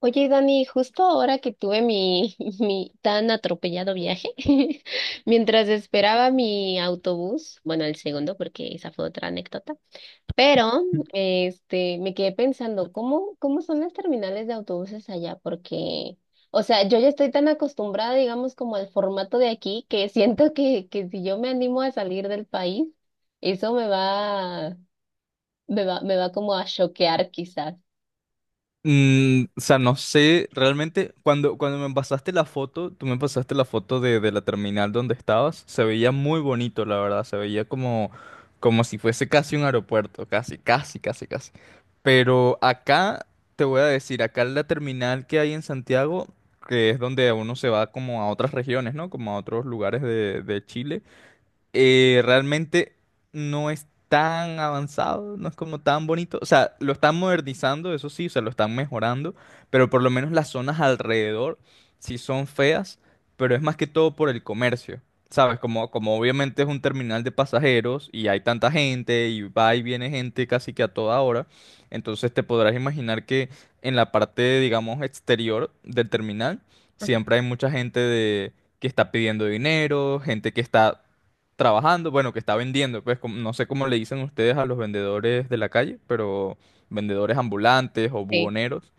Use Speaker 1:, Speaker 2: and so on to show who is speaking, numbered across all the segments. Speaker 1: Oye, Dani, justo ahora que tuve mi tan atropellado viaje, mientras esperaba mi autobús, bueno, el segundo, porque esa fue otra anécdota, pero me quedé pensando, ¿cómo, cómo son las terminales de autobuses allá? Porque, o sea, yo ya estoy tan acostumbrada, digamos, como al formato de aquí, que siento que si yo me animo a salir del país, eso me va, me va, me va como a choquear quizás.
Speaker 2: O sea, no sé, realmente cuando me pasaste la foto, tú me pasaste la foto de la terminal donde estabas, se veía muy bonito, la verdad, se veía como si fuese casi un aeropuerto, casi, casi, casi, casi. Pero acá, te voy a decir, acá la terminal que hay en Santiago, que es donde uno se va como a otras regiones, ¿no? Como a otros lugares de Chile. Realmente no es tan avanzado, no es como tan bonito. O sea, lo están modernizando, eso sí, o sea, lo están mejorando, pero por lo menos las zonas alrededor sí son feas, pero es más que todo por el comercio. ¿Sabes? Como obviamente es un terminal de pasajeros y hay tanta gente y va y viene gente casi que a toda hora, entonces te podrás imaginar que en la parte, digamos, exterior del terminal siempre hay mucha gente que está pidiendo dinero, gente que está trabajando, bueno, que está vendiendo, pues no sé cómo le dicen ustedes a los vendedores de la calle, pero vendedores ambulantes o
Speaker 1: Sí.
Speaker 2: buhoneros,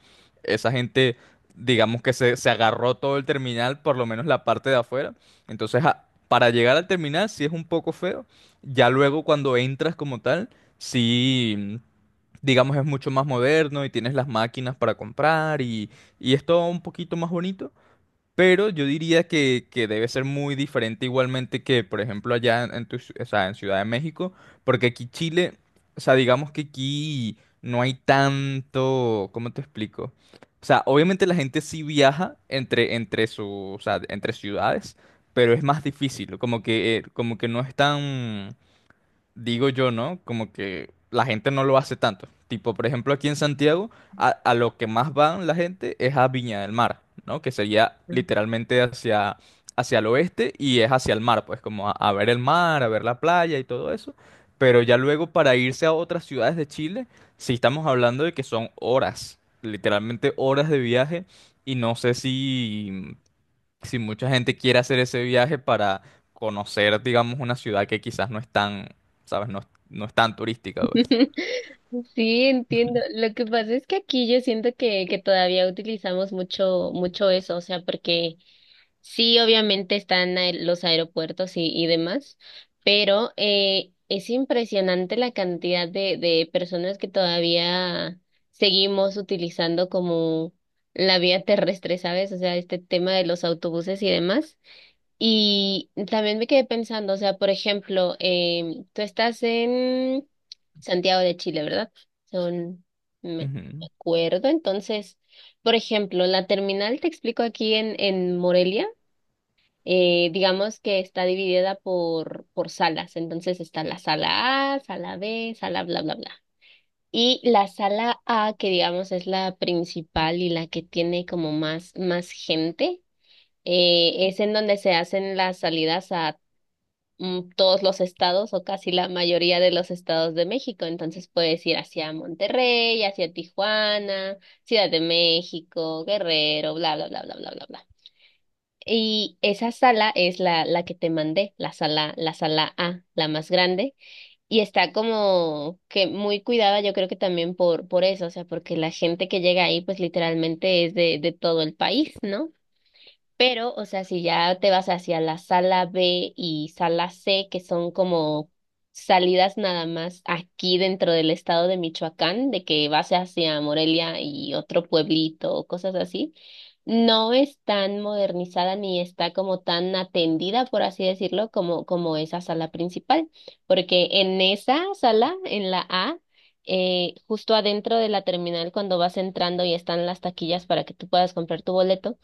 Speaker 2: esa gente, digamos que se agarró todo el terminal, por lo menos la parte de afuera, entonces para llegar al terminal sí es un poco feo, ya luego cuando entras como tal, sí, digamos es mucho más moderno y tienes las máquinas para comprar y es todo un poquito más bonito. Pero yo diría que debe ser muy diferente igualmente que, por ejemplo, allá en tu o sea, en Ciudad de México, porque aquí Chile, o sea, digamos que aquí no hay tanto, ¿cómo te explico? O sea, obviamente la gente sí viaja entre o sea, entre ciudades, pero es más difícil, como que no es tan, digo yo, ¿no? Como que la gente no lo hace tanto. Tipo, por ejemplo, aquí en Santiago, a lo que más van la gente es a Viña del Mar, ¿no? Que sería literalmente hacia, hacia el oeste y es hacia el mar, pues como a ver el mar, a ver la playa y todo eso. Pero ya luego para irse a otras ciudades de Chile, sí estamos hablando de que son horas, literalmente horas de viaje. Y no sé si mucha gente quiere hacer ese viaje para conocer, digamos, una ciudad que quizás no es tan, ¿sabes? No, no es tan turística, pues.
Speaker 1: Sí, entiendo. Lo que pasa es que aquí yo siento que todavía utilizamos mucho, mucho eso, o sea, porque sí, obviamente están los aeropuertos y demás, pero es impresionante la cantidad de personas que todavía seguimos utilizando como la vía terrestre, ¿sabes? O sea, este tema de los autobuses y demás. Y también me quedé pensando, o sea, por ejemplo, tú estás en Santiago de Chile, ¿verdad? Son, me
Speaker 2: Ujú,
Speaker 1: acuerdo. Entonces, por ejemplo, la terminal, te explico aquí en Morelia, digamos que está dividida por salas. Entonces está la sala A, sala B, sala bla, bla, bla. Y la sala A, que digamos es la principal y la que tiene como más, más gente, es en donde se hacen las salidas a todos los estados o casi la mayoría de los estados de México. Entonces puedes ir hacia Monterrey, hacia Tijuana, Ciudad de México, Guerrero, bla, bla, bla, bla, bla, bla, bla. Y esa sala es la que te mandé, la sala A, la más grande, y está como que muy cuidada, yo creo que también por eso, o sea, porque la gente que llega ahí, pues literalmente es de todo el país, ¿no? Pero, o sea, si ya te vas hacia la sala B y sala C, que son como salidas nada más aquí dentro del estado de Michoacán, de que vas hacia Morelia y otro pueblito o cosas así, no es tan modernizada ni está como tan atendida, por así decirlo, como, como esa sala principal, porque en esa sala, en la A, justo adentro de la terminal, cuando vas entrando y están las taquillas para que tú puedas comprar tu boleto,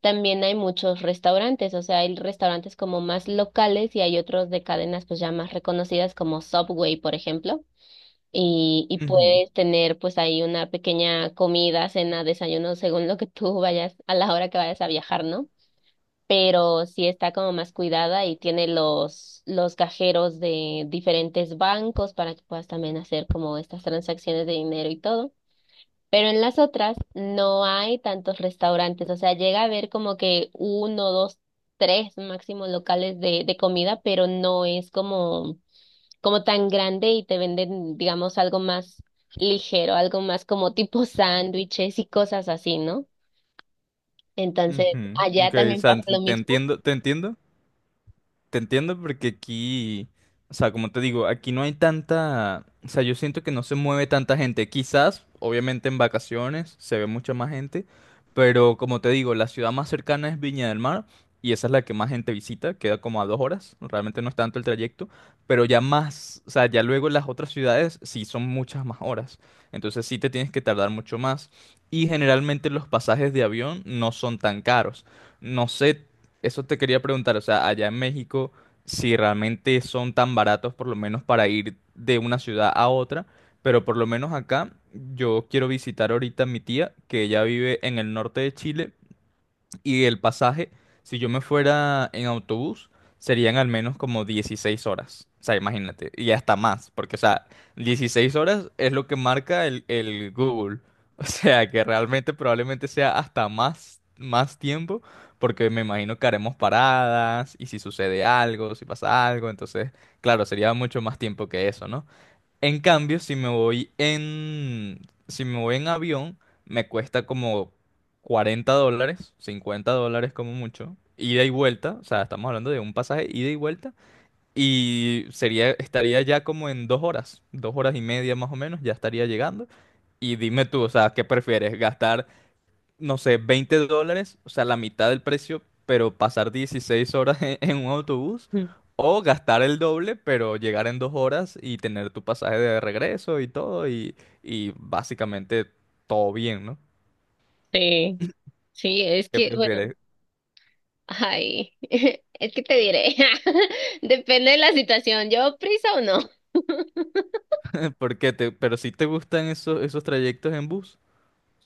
Speaker 1: también hay muchos restaurantes, o sea, hay restaurantes como más locales y hay otros de cadenas pues ya más reconocidas como Subway, por ejemplo. Y
Speaker 2: ujú,
Speaker 1: puedes tener pues ahí una pequeña comida, cena, desayuno, según lo que tú vayas, a la hora que vayas a viajar, ¿no? Pero sí está como más cuidada y tiene los cajeros de diferentes bancos para que puedas también hacer como estas transacciones de dinero y todo. Pero en las otras no hay tantos restaurantes, o sea, llega a haber como que uno, dos, tres máximo locales de comida, pero no es como, como tan grande y te venden, digamos, algo más ligero, algo más como tipo sándwiches y cosas así, ¿no? Entonces,
Speaker 2: ujú.
Speaker 1: allá
Speaker 2: Ok, o
Speaker 1: también
Speaker 2: sea,
Speaker 1: pasa lo
Speaker 2: te
Speaker 1: mismo.
Speaker 2: entiendo, te entiendo, te entiendo porque aquí, o sea, como te digo, aquí no hay tanta, o sea, yo siento que no se mueve tanta gente. Quizás, obviamente en vacaciones se ve mucha más gente, pero como te digo, la ciudad más cercana es Viña del Mar y esa es la que más gente visita, queda como a 2 horas, realmente no es tanto el trayecto, pero ya más, o sea, ya luego las otras ciudades sí son muchas más horas, entonces sí te tienes que tardar mucho más y generalmente los pasajes de avión no son tan caros. No sé, eso te quería preguntar, o sea, allá en México, si realmente son tan baratos por lo menos para ir de una ciudad a otra, pero por lo menos acá yo quiero visitar ahorita a mi tía, que ella vive en el norte de Chile, y el pasaje, si yo me fuera en autobús, serían al menos como 16 horas. O sea, imagínate, y hasta más, porque, o sea, 16 horas es lo que marca el Google. O sea, que realmente probablemente sea hasta más, más tiempo, porque me imagino que haremos paradas, y si sucede algo, si pasa algo, entonces, claro, sería mucho más tiempo que eso, ¿no? En cambio, si me voy en, avión, me cuesta como $40, $50 como mucho, ida y vuelta, o sea, estamos hablando de un pasaje ida y vuelta, y sería, estaría ya como en 2 horas, 2 horas y media más o menos, ya estaría llegando. Y dime tú, o sea, ¿qué prefieres? ¿Gastar, no sé, $20, o sea, la mitad del precio, pero pasar 16 horas en un autobús,
Speaker 1: Mm.
Speaker 2: o gastar el doble, pero llegar en 2 horas y tener tu pasaje de regreso y todo, y básicamente todo bien, ¿no?
Speaker 1: Sí, sí, es
Speaker 2: ¿Qué
Speaker 1: que, bueno,
Speaker 2: prefieres?
Speaker 1: ay, es que te diré, depende de la situación, ¿llevo prisa o no?
Speaker 2: ¿Por qué te, pero si te gustan esos, esos trayectos en bus?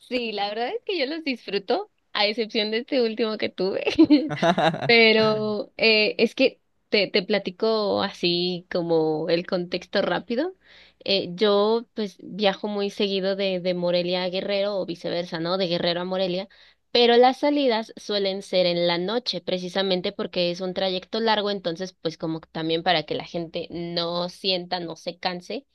Speaker 1: Sí, la verdad es que yo los disfruto, a excepción de este último que tuve. Pero es que te platico así como el contexto rápido. Yo pues viajo muy seguido de Morelia a Guerrero o viceversa, ¿no? De Guerrero a Morelia, pero las salidas suelen ser en la noche, precisamente porque es un trayecto largo, entonces pues como que también para que la gente no sienta, no se canse,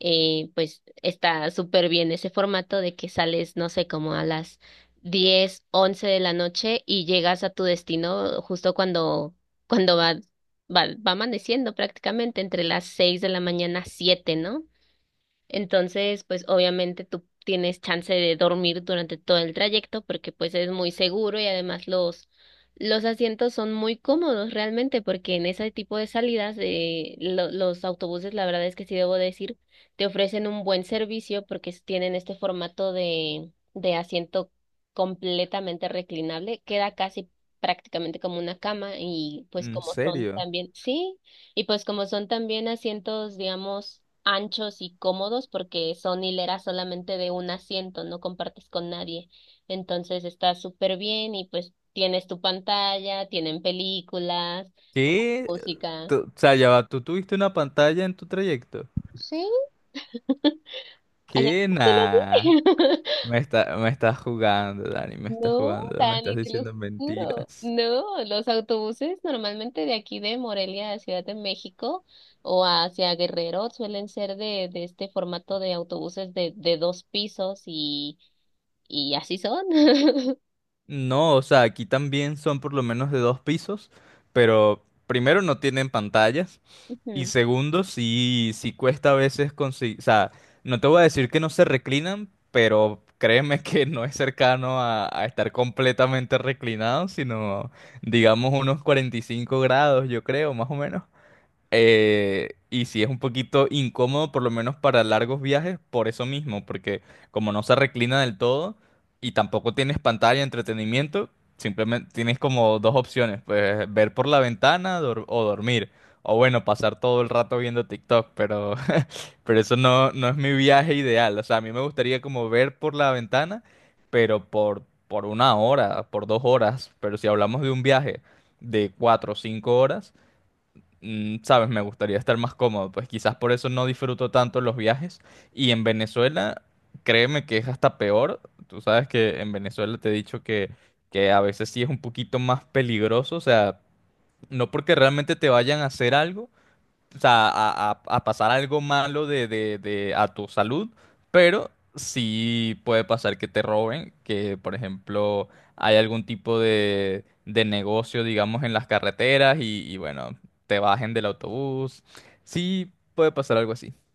Speaker 1: pues está súper bien ese formato de que sales, no sé, como a las 10 u 11 de la noche y llegas a tu destino justo cuando, cuando va, va amaneciendo prácticamente entre las 6 de la mañana, 7, ¿no? Entonces, pues obviamente tú tienes chance de dormir durante todo el trayecto porque pues es muy seguro y además los asientos son muy cómodos realmente porque en ese tipo de salidas los autobuses, la verdad es que sí debo decir, te ofrecen un buen servicio porque tienen este formato de asiento completamente reclinable, queda casi prácticamente como una cama y pues
Speaker 2: ¿En
Speaker 1: como son
Speaker 2: serio?
Speaker 1: también, sí. Y pues como son también asientos, digamos, anchos y cómodos, porque son hileras solamente de un asiento, no compartes con nadie. Entonces está súper bien y pues tienes tu pantalla, tienen películas,
Speaker 2: ¿Qué?
Speaker 1: música.
Speaker 2: Tú- o sea, ya va, ¿tú tuviste una pantalla en tu trayecto?
Speaker 1: Sí, allá
Speaker 2: ¿Qué?
Speaker 1: no funciona así.
Speaker 2: Nah. Me está, me estás jugando, Dani, me estás
Speaker 1: No,
Speaker 2: jugando, me estás
Speaker 1: Dani, te lo
Speaker 2: diciendo
Speaker 1: juro.
Speaker 2: mentiras.
Speaker 1: No, los autobuses normalmente de aquí de Morelia a Ciudad de México o hacia Guerrero suelen ser de este formato de autobuses de dos pisos y así son.
Speaker 2: No, o sea, aquí también son por lo menos de dos pisos, pero primero no tienen pantallas y segundo sí, sí cuesta a veces conseguir, o sea, no te voy a decir que no se reclinan, pero créeme que no es cercano a estar completamente reclinado, sino digamos unos 45 grados, yo creo, más o menos. Y sí es un poquito incómodo, por lo menos para largos viajes, por eso mismo, porque como no se reclina del todo y tampoco tienes pantalla, entretenimiento, simplemente tienes como dos opciones, pues ver por la ventana o dormir, o bueno, pasar todo el rato viendo TikTok, pero, pero eso no es mi viaje ideal, o sea, a mí me gustaría como ver por la ventana, pero por 1 hora, por 2 horas, pero si hablamos de un viaje de 4 o 5 horas. Sabes, me gustaría estar más cómodo, pues quizás por eso no disfruto tanto los viajes. Y en Venezuela, créeme que es hasta peor. Tú sabes que en Venezuela te he dicho que a veces sí es un poquito más peligroso, o sea, no porque realmente te vayan a hacer algo, o sea, a pasar algo malo a tu salud, pero sí puede pasar que te roben, que por ejemplo hay algún tipo de negocio, digamos, en las carreteras bueno, te bajen del autobús. Sí puede pasar algo así.